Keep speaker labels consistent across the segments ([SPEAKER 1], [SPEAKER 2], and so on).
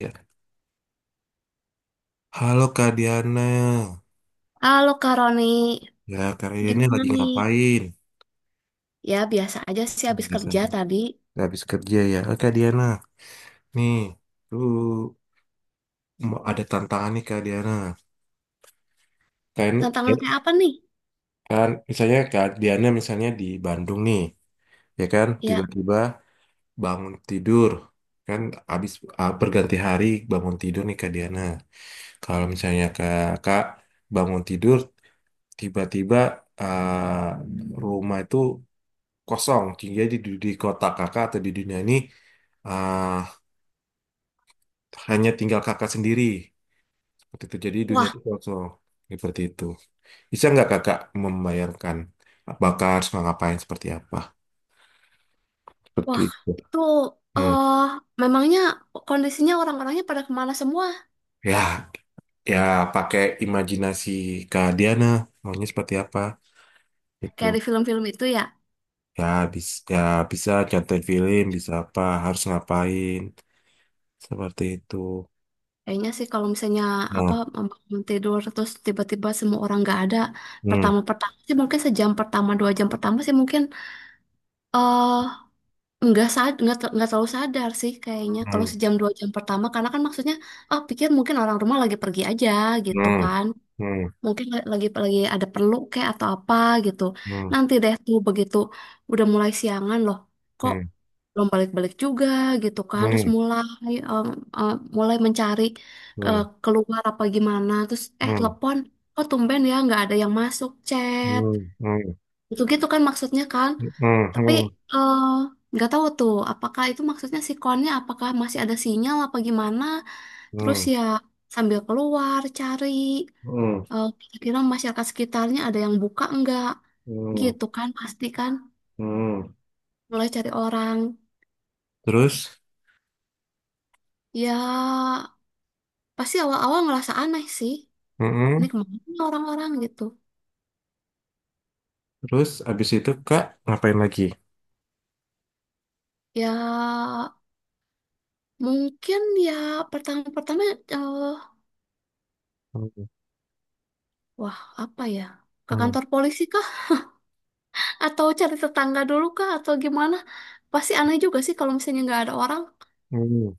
[SPEAKER 1] Ya. Halo Kak Diana,
[SPEAKER 2] Halo Kak Roni,
[SPEAKER 1] ya Kak Diana
[SPEAKER 2] gimana
[SPEAKER 1] lagi
[SPEAKER 2] nih?
[SPEAKER 1] ngapain?
[SPEAKER 2] Ya biasa aja sih habis
[SPEAKER 1] Biasa.
[SPEAKER 2] kerja tadi.
[SPEAKER 1] Habis kerja ya. Kak Diana, nih, tuh mau ada tantangan nih Kak Diana. Kan, ya,
[SPEAKER 2] Tantangan kayak apa nih?
[SPEAKER 1] kan, misalnya Kak Diana misalnya di Bandung nih, ya kan,
[SPEAKER 2] Ya,
[SPEAKER 1] tiba-tiba bangun tidur, kan habis berganti hari bangun tidur nih Kak Diana. Kalau misalnya Kak bangun tidur, tiba-tiba ah, rumah itu kosong. Jadi di kota kakak atau di dunia ini ah, hanya tinggal kakak sendiri. Seperti itu. Jadi dunia
[SPEAKER 2] wah,
[SPEAKER 1] itu kosong. Seperti itu. Bisa nggak kakak membayangkan bakal harus ngapain seperti apa? Seperti
[SPEAKER 2] wah,
[SPEAKER 1] itu.
[SPEAKER 2] itu
[SPEAKER 1] Hmm.
[SPEAKER 2] eh memangnya kondisinya orang-orangnya pada kemana semua?
[SPEAKER 1] Ya, ya pakai imajinasi Kak Diana. Maunya seperti apa?
[SPEAKER 2] Kayak di
[SPEAKER 1] Itu.
[SPEAKER 2] film-film itu ya.
[SPEAKER 1] Ya, ya, bisa contohin film, bisa apa, harus ngapain. Seperti itu.
[SPEAKER 2] Kayaknya sih kalau misalnya apa
[SPEAKER 1] Nah,
[SPEAKER 2] membangun tidur terus tiba-tiba semua orang nggak ada,
[SPEAKER 1] hmm,
[SPEAKER 2] pertama-pertama sih mungkin sejam pertama dua jam pertama sih mungkin eh, nggak sad nggak terlalu sadar sih kayaknya kalau
[SPEAKER 1] hmm,
[SPEAKER 2] sejam dua jam pertama karena kan maksudnya oh pikir mungkin orang rumah lagi pergi aja gitu
[SPEAKER 1] hmm,
[SPEAKER 2] kan
[SPEAKER 1] hmm,
[SPEAKER 2] mungkin lagi ada perlu kayak atau apa gitu
[SPEAKER 1] hmm,
[SPEAKER 2] nanti deh tuh begitu udah mulai siangan loh kok
[SPEAKER 1] hmm,
[SPEAKER 2] belum balik-balik juga gitu kan terus
[SPEAKER 1] hmm.
[SPEAKER 2] mulai em, mulai mencari keluar apa gimana terus eh telepon kok tumben ya nggak ada yang masuk chat
[SPEAKER 1] うん、うん、うん、うん、うん、うん,
[SPEAKER 2] gitu gitu kan maksudnya kan tapi eh, nggak tahu tuh apakah itu maksudnya si konnya apakah masih ada sinyal apa gimana. Terus ya sambil keluar cari
[SPEAKER 1] mm,
[SPEAKER 2] kira-kira masyarakat sekitarnya ada yang buka enggak
[SPEAKER 1] mm,
[SPEAKER 2] gitu kan pasti kan
[SPEAKER 1] mm.
[SPEAKER 2] mulai cari orang.
[SPEAKER 1] Terus,
[SPEAKER 2] Ya pasti awal-awal ngerasa aneh sih. Ini
[SPEAKER 1] mm,
[SPEAKER 2] kemana nih orang-orang gitu.
[SPEAKER 1] terus abis itu Kak ngapain lagi?
[SPEAKER 2] Ya mungkin ya pertama-pertama eh, wah apa ya ke
[SPEAKER 1] Mm, mm,
[SPEAKER 2] kantor polisi kah? Atau cari tetangga dulu kah? Atau gimana? Pasti aneh juga sih kalau misalnya nggak ada orang.
[SPEAKER 1] mm.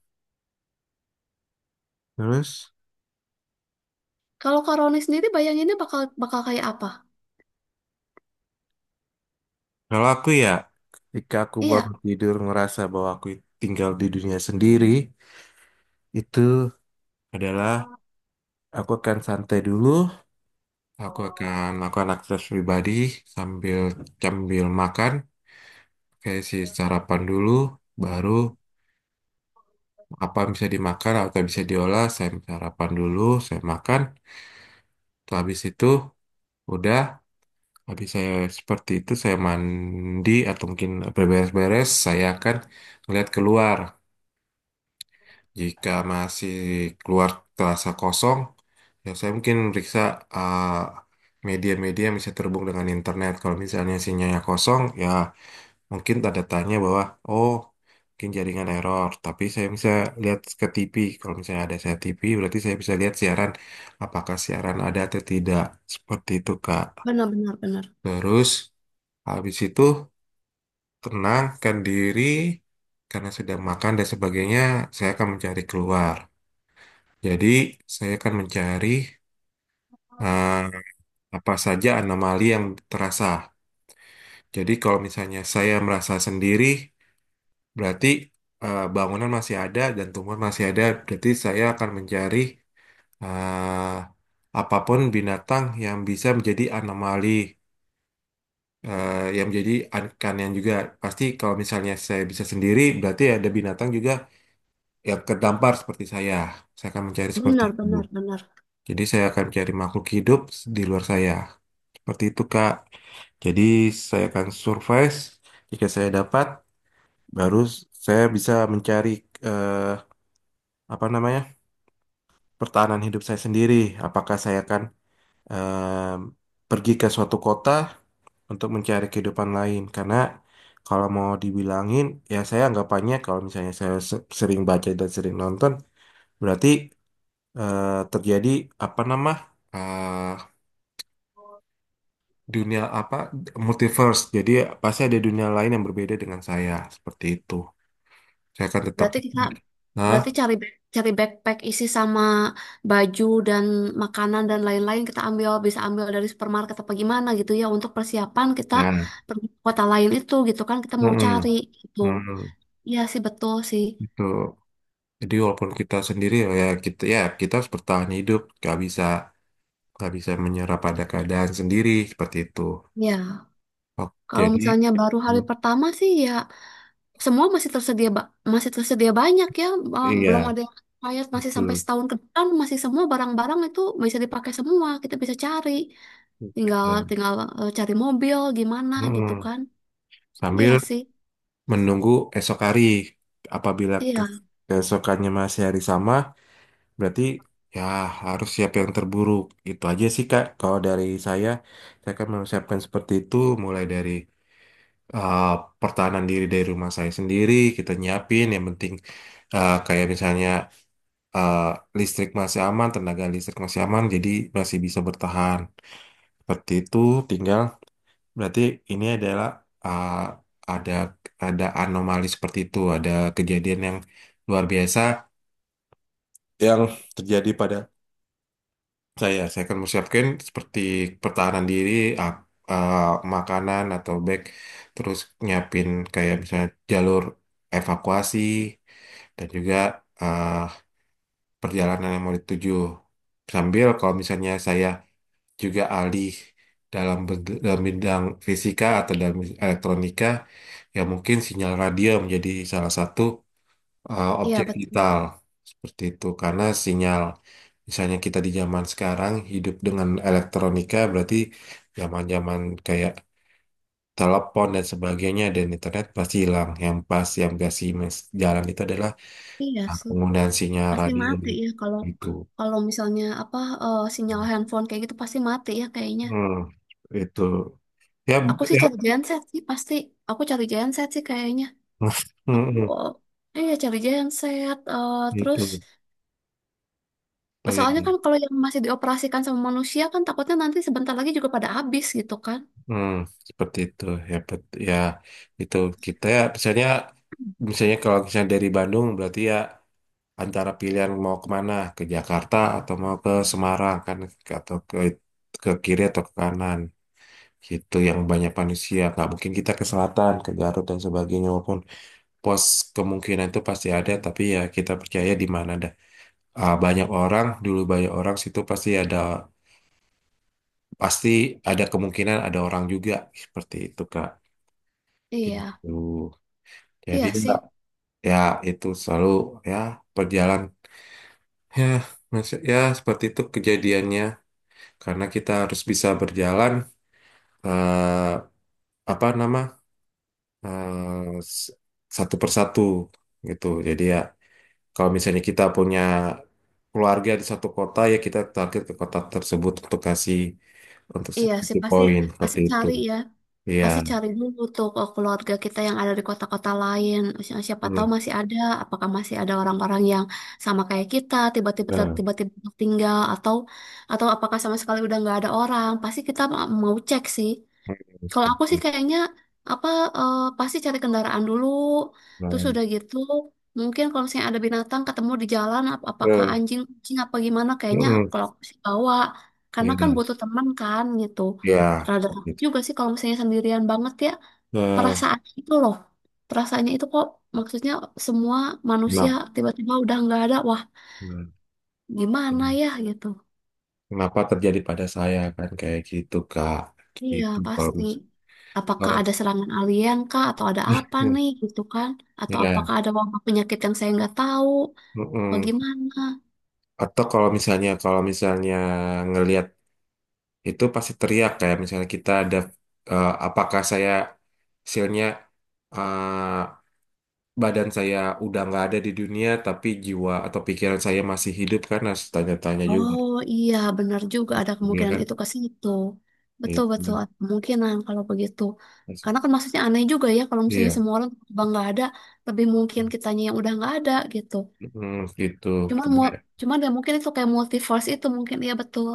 [SPEAKER 1] Terus,
[SPEAKER 2] Kalau Karoni sendiri bayanginnya bakal bakal kayak apa?
[SPEAKER 1] kalau aku ya, ketika aku
[SPEAKER 2] Iya,
[SPEAKER 1] bangun tidur ngerasa bahwa aku tinggal di dunia sendiri, itu adalah aku akan santai dulu, aku akan melakukan aktivitas pribadi sambil sambil makan, kayak si sarapan dulu, baru. Apa bisa dimakan atau bisa diolah saya sarapan dulu, saya makan. Terus habis itu udah, habis saya seperti itu, saya mandi atau mungkin berberes-beres, saya akan melihat keluar jika masih keluar terasa kosong, ya saya mungkin meriksa eh, media-media yang bisa terhubung dengan internet. Kalau misalnya sinyalnya kosong ya mungkin tanda tanya bahwa oh mungkin jaringan error, tapi saya bisa lihat ke TV. Kalau misalnya ada saya TV berarti saya bisa lihat siaran, apakah siaran ada atau tidak, seperti itu Kak.
[SPEAKER 2] benar benar benar.
[SPEAKER 1] Terus habis itu tenangkan diri karena sudah makan dan sebagainya, saya akan mencari keluar. Jadi saya akan mencari eh, apa saja anomali yang terasa. Jadi kalau misalnya saya merasa sendiri, berarti bangunan masih ada dan tumbuhan masih ada. Berarti saya akan mencari eh, apapun binatang yang bisa menjadi anomali, yang menjadi yang juga. Pasti kalau misalnya saya bisa sendiri, berarti ada binatang juga yang kedampar seperti saya. Saya akan mencari seperti
[SPEAKER 2] Benar
[SPEAKER 1] itu.
[SPEAKER 2] benar benar.
[SPEAKER 1] Jadi saya akan mencari makhluk hidup di luar saya. Seperti itu, Kak. Jadi saya akan survive. Jika saya dapat, baru saya bisa mencari eh, apa namanya? Pertahanan hidup saya sendiri. Apakah saya akan em, pergi ke suatu kota untuk mencari kehidupan lain? Karena kalau mau dibilangin, ya saya anggapannya kalau misalnya saya sering baca dan sering nonton, berarti eh, terjadi apa nama eh, dunia apa, multiverse. Jadi pasti ada dunia lain yang berbeda dengan saya, seperti itu. Saya akan tetap,
[SPEAKER 2] Berarti kita berarti
[SPEAKER 1] nah,
[SPEAKER 2] cari backpack isi sama baju dan makanan dan lain-lain kita ambil bisa ambil dari supermarket apa gimana gitu ya untuk persiapan kita
[SPEAKER 1] ya,
[SPEAKER 2] pergi ke kota lain itu gitu kan kita mau
[SPEAKER 1] mm-mm.
[SPEAKER 2] cari gitu.
[SPEAKER 1] Hmm,
[SPEAKER 2] Iya sih betul sih.
[SPEAKER 1] itu. Jadi walaupun kita sendiri ya ya kita harus bertahan hidup, nggak bisa, nggak bisa menyerah pada keadaan sendiri, seperti itu.
[SPEAKER 2] Ya,
[SPEAKER 1] Oke,
[SPEAKER 2] kalau
[SPEAKER 1] jadi
[SPEAKER 2] misalnya baru hari
[SPEAKER 1] hmm,
[SPEAKER 2] pertama sih ya semua masih masih tersedia banyak ya, belum
[SPEAKER 1] iya
[SPEAKER 2] ada yang expired masih sampai
[SPEAKER 1] betul.
[SPEAKER 2] setahun ke depan masih semua barang-barang itu bisa dipakai semua, kita bisa cari. Tinggal tinggal cari mobil gimana
[SPEAKER 1] Hmm,
[SPEAKER 2] gitu kan. Iya
[SPEAKER 1] sambil
[SPEAKER 2] sih.
[SPEAKER 1] menunggu esok hari, apabila
[SPEAKER 2] Iya,
[SPEAKER 1] keesokannya masih hari sama, berarti ya harus siap yang terburuk. Itu aja sih Kak. Kalau dari saya akan mempersiapkan seperti itu, mulai dari eh, pertahanan diri dari rumah saya sendiri. Kita nyiapin yang penting, kayak misalnya eh, listrik masih aman, tenaga listrik masih aman, jadi masih bisa bertahan seperti itu. Tinggal berarti ini adalah eh, ada ada anomali seperti itu, ada kejadian yang luar biasa yang terjadi pada saya. Saya akan mempersiapkan seperti pertahanan diri, ak- eh, makanan atau bag, terus nyiapin kayak misalnya jalur evakuasi dan juga eh, perjalanan yang mau dituju. Sambil kalau misalnya saya juga alih dalam, dalam bidang fisika atau dalam elektronika, ya mungkin sinyal radio menjadi salah satu
[SPEAKER 2] iya
[SPEAKER 1] objek
[SPEAKER 2] betul.
[SPEAKER 1] vital seperti itu, karena sinyal. Misalnya kita di zaman sekarang hidup dengan elektronika, berarti zaman-zaman kayak telepon dan sebagainya dan internet pasti hilang. Yang pas yang kasih jalan itu adalah
[SPEAKER 2] Iya sih.
[SPEAKER 1] penggunaan sinyal
[SPEAKER 2] Pasti
[SPEAKER 1] radio,
[SPEAKER 2] mati
[SPEAKER 1] gitu.
[SPEAKER 2] ya kalau
[SPEAKER 1] Gitu.
[SPEAKER 2] kalau misalnya apa sinyal handphone kayak gitu pasti mati ya kayaknya.
[SPEAKER 1] Hmm, itu ya
[SPEAKER 2] Aku sih
[SPEAKER 1] ya
[SPEAKER 2] cari genset sih pasti. Aku cari genset sih kayaknya.
[SPEAKER 1] hmm,
[SPEAKER 2] Aku
[SPEAKER 1] hmm,
[SPEAKER 2] iya cari genset eh, terus
[SPEAKER 1] gitu. Betul
[SPEAKER 2] soalnya kan
[SPEAKER 1] ya.
[SPEAKER 2] kalau yang masih dioperasikan sama manusia kan takutnya nanti sebentar lagi juga pada habis gitu kan.
[SPEAKER 1] Hmm, seperti itu ya ya itu kita ya misalnya, misalnya kalau misalnya dari Bandung berarti ya antara pilihan mau kemana, ke Jakarta atau mau ke Semarang, kan atau ke kiri atau ke kanan, gitu yang banyak manusia. Nggak mungkin kita ke selatan, ke Garut dan sebagainya, walaupun pos kemungkinan itu pasti ada, tapi ya kita percaya di mana ada banyak orang dulu, banyak orang situ pasti ada, pasti ada kemungkinan ada orang juga, seperti itu Kak.
[SPEAKER 2] Iya,
[SPEAKER 1] Gitu, jadi
[SPEAKER 2] iya sih,
[SPEAKER 1] ya itu selalu ya perjalanan ya maksud ya seperti itu kejadiannya, karena kita harus bisa berjalan eh, apa nama eh, s- satu persatu, gitu. Jadi ya kalau misalnya kita punya keluarga di satu kota, ya kita target ke kota tersebut untuk kasih, untuk
[SPEAKER 2] iya sih
[SPEAKER 1] satu
[SPEAKER 2] pasti
[SPEAKER 1] poin
[SPEAKER 2] pasti
[SPEAKER 1] seperti itu.
[SPEAKER 2] cari ya,
[SPEAKER 1] Iya.
[SPEAKER 2] pasti cari dulu tuh ke keluarga kita yang ada di kota-kota lain. Siapa tahu
[SPEAKER 1] Hmm.
[SPEAKER 2] masih ada, apakah masih ada orang-orang yang sama kayak kita tiba-tiba
[SPEAKER 1] Nah,
[SPEAKER 2] tiba-tiba tinggal atau apakah sama sekali udah nggak ada orang? Pasti kita mau cek sih.
[SPEAKER 1] hmm,
[SPEAKER 2] Kalau aku
[SPEAKER 1] seperti
[SPEAKER 2] sih
[SPEAKER 1] itu.
[SPEAKER 2] kayaknya apa pasti cari kendaraan dulu, terus
[SPEAKER 1] Nah,
[SPEAKER 2] udah gitu mungkin kalau misalnya ada binatang ketemu di jalan apakah
[SPEAKER 1] eh,
[SPEAKER 2] anjing, kucing apa gimana kayaknya
[SPEAKER 1] hmm,
[SPEAKER 2] kalau aku sih bawa karena kan
[SPEAKER 1] iya,
[SPEAKER 2] butuh teman kan gitu.
[SPEAKER 1] iya,
[SPEAKER 2] Rada
[SPEAKER 1] seperti
[SPEAKER 2] takut
[SPEAKER 1] itu.
[SPEAKER 2] juga sih kalau misalnya sendirian banget ya
[SPEAKER 1] Eh,
[SPEAKER 2] perasaan itu loh. Perasaannya itu kok maksudnya semua manusia
[SPEAKER 1] kenapa,
[SPEAKER 2] tiba-tiba udah nggak ada, wah gimana ya gitu.
[SPEAKER 1] kenapa terjadi pada saya kan kayak gitu Kak.
[SPEAKER 2] Iya,
[SPEAKER 1] Gitu kalau
[SPEAKER 2] pasti.
[SPEAKER 1] misalnya.
[SPEAKER 2] Apakah ada serangan alien kah? Atau ada apa nih gitu kan? Atau
[SPEAKER 1] Iya.
[SPEAKER 2] apakah ada wabah penyakit yang saya nggak tahu?
[SPEAKER 1] Mm-mm.
[SPEAKER 2] Bagaimana?
[SPEAKER 1] Atau kalau misalnya, kalau misalnya ngelihat itu pasti teriak, kayak misalnya kita ada apakah saya hasilnya eh, badan saya udah nggak ada di dunia tapi jiwa atau pikiran saya masih hidup, kan harus tanya-tanya juga,
[SPEAKER 2] Oh iya, benar juga ada
[SPEAKER 1] ya
[SPEAKER 2] kemungkinan
[SPEAKER 1] kan,
[SPEAKER 2] itu ke situ. Betul-betul
[SPEAKER 1] itu,
[SPEAKER 2] ada kemungkinan kalau begitu. Karena kan maksudnya aneh juga ya kalau misalnya
[SPEAKER 1] iya.
[SPEAKER 2] semua orang tiba nggak ada, lebih mungkin kitanya yang udah nggak ada gitu.
[SPEAKER 1] Mm, gitu
[SPEAKER 2] Cuman mau, cuman ya mungkin itu kayak multiverse itu mungkin ya betul.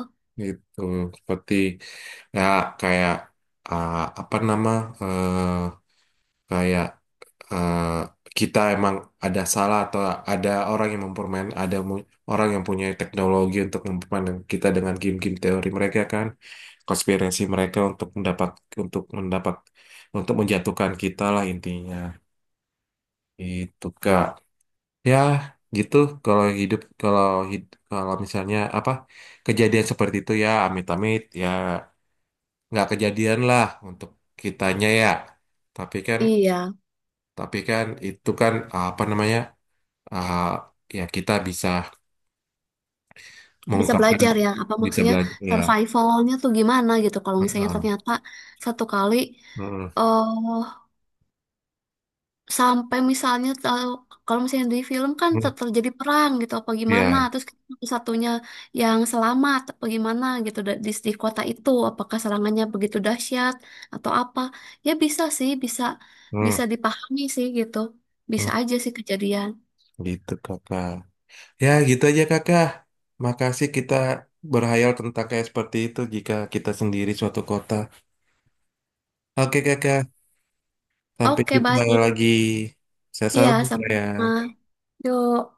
[SPEAKER 1] itu seperti ya kayak apa nama eh, kayak eh, kita emang ada salah atau ada orang yang mempermain, ada orang yang punya teknologi untuk mempermainkan kita dengan game-game teori mereka kan, konspirasi mereka untuk mendapat untuk menjatuhkan kita lah intinya, itu Kak. Ya gitu, kalau hidup, kalau kalau misalnya apa kejadian seperti itu, ya amit-amit ya, nggak kejadian lah untuk kitanya ya, tapi kan.
[SPEAKER 2] Iya.
[SPEAKER 1] Tapi kan itu kan apa namanya? uh, ya kita bisa
[SPEAKER 2] Bisa
[SPEAKER 1] mengungkapkan,
[SPEAKER 2] belajar ya apa
[SPEAKER 1] bisa
[SPEAKER 2] maksudnya
[SPEAKER 1] belajar ya.
[SPEAKER 2] survivalnya tuh gimana gitu kalau misalnya
[SPEAKER 1] Heeh.
[SPEAKER 2] ternyata satu kali
[SPEAKER 1] Heeh.
[SPEAKER 2] eh sampai misalnya tahu kalau misalnya di film kan
[SPEAKER 1] Heeh.
[SPEAKER 2] terjadi perang gitu apa gimana
[SPEAKER 1] Ya.
[SPEAKER 2] terus satunya yang selamat apa gimana gitu di kota itu apakah serangannya begitu dahsyat atau apa ya bisa sih bisa
[SPEAKER 1] Heeh.
[SPEAKER 2] bisa dipahami sih gitu bisa
[SPEAKER 1] Heeh.
[SPEAKER 2] aja sih kejadian.
[SPEAKER 1] Gitu kakak. Ya gitu aja kakak. Makasih kita berhayal tentang kayak seperti itu jika kita sendiri suatu kota. Oke kakak, sampai
[SPEAKER 2] Oke
[SPEAKER 1] jumpa
[SPEAKER 2] baik,
[SPEAKER 1] lagi. Saya
[SPEAKER 2] iya
[SPEAKER 1] selalu
[SPEAKER 2] sama-sama,
[SPEAKER 1] ya.
[SPEAKER 2] yuk.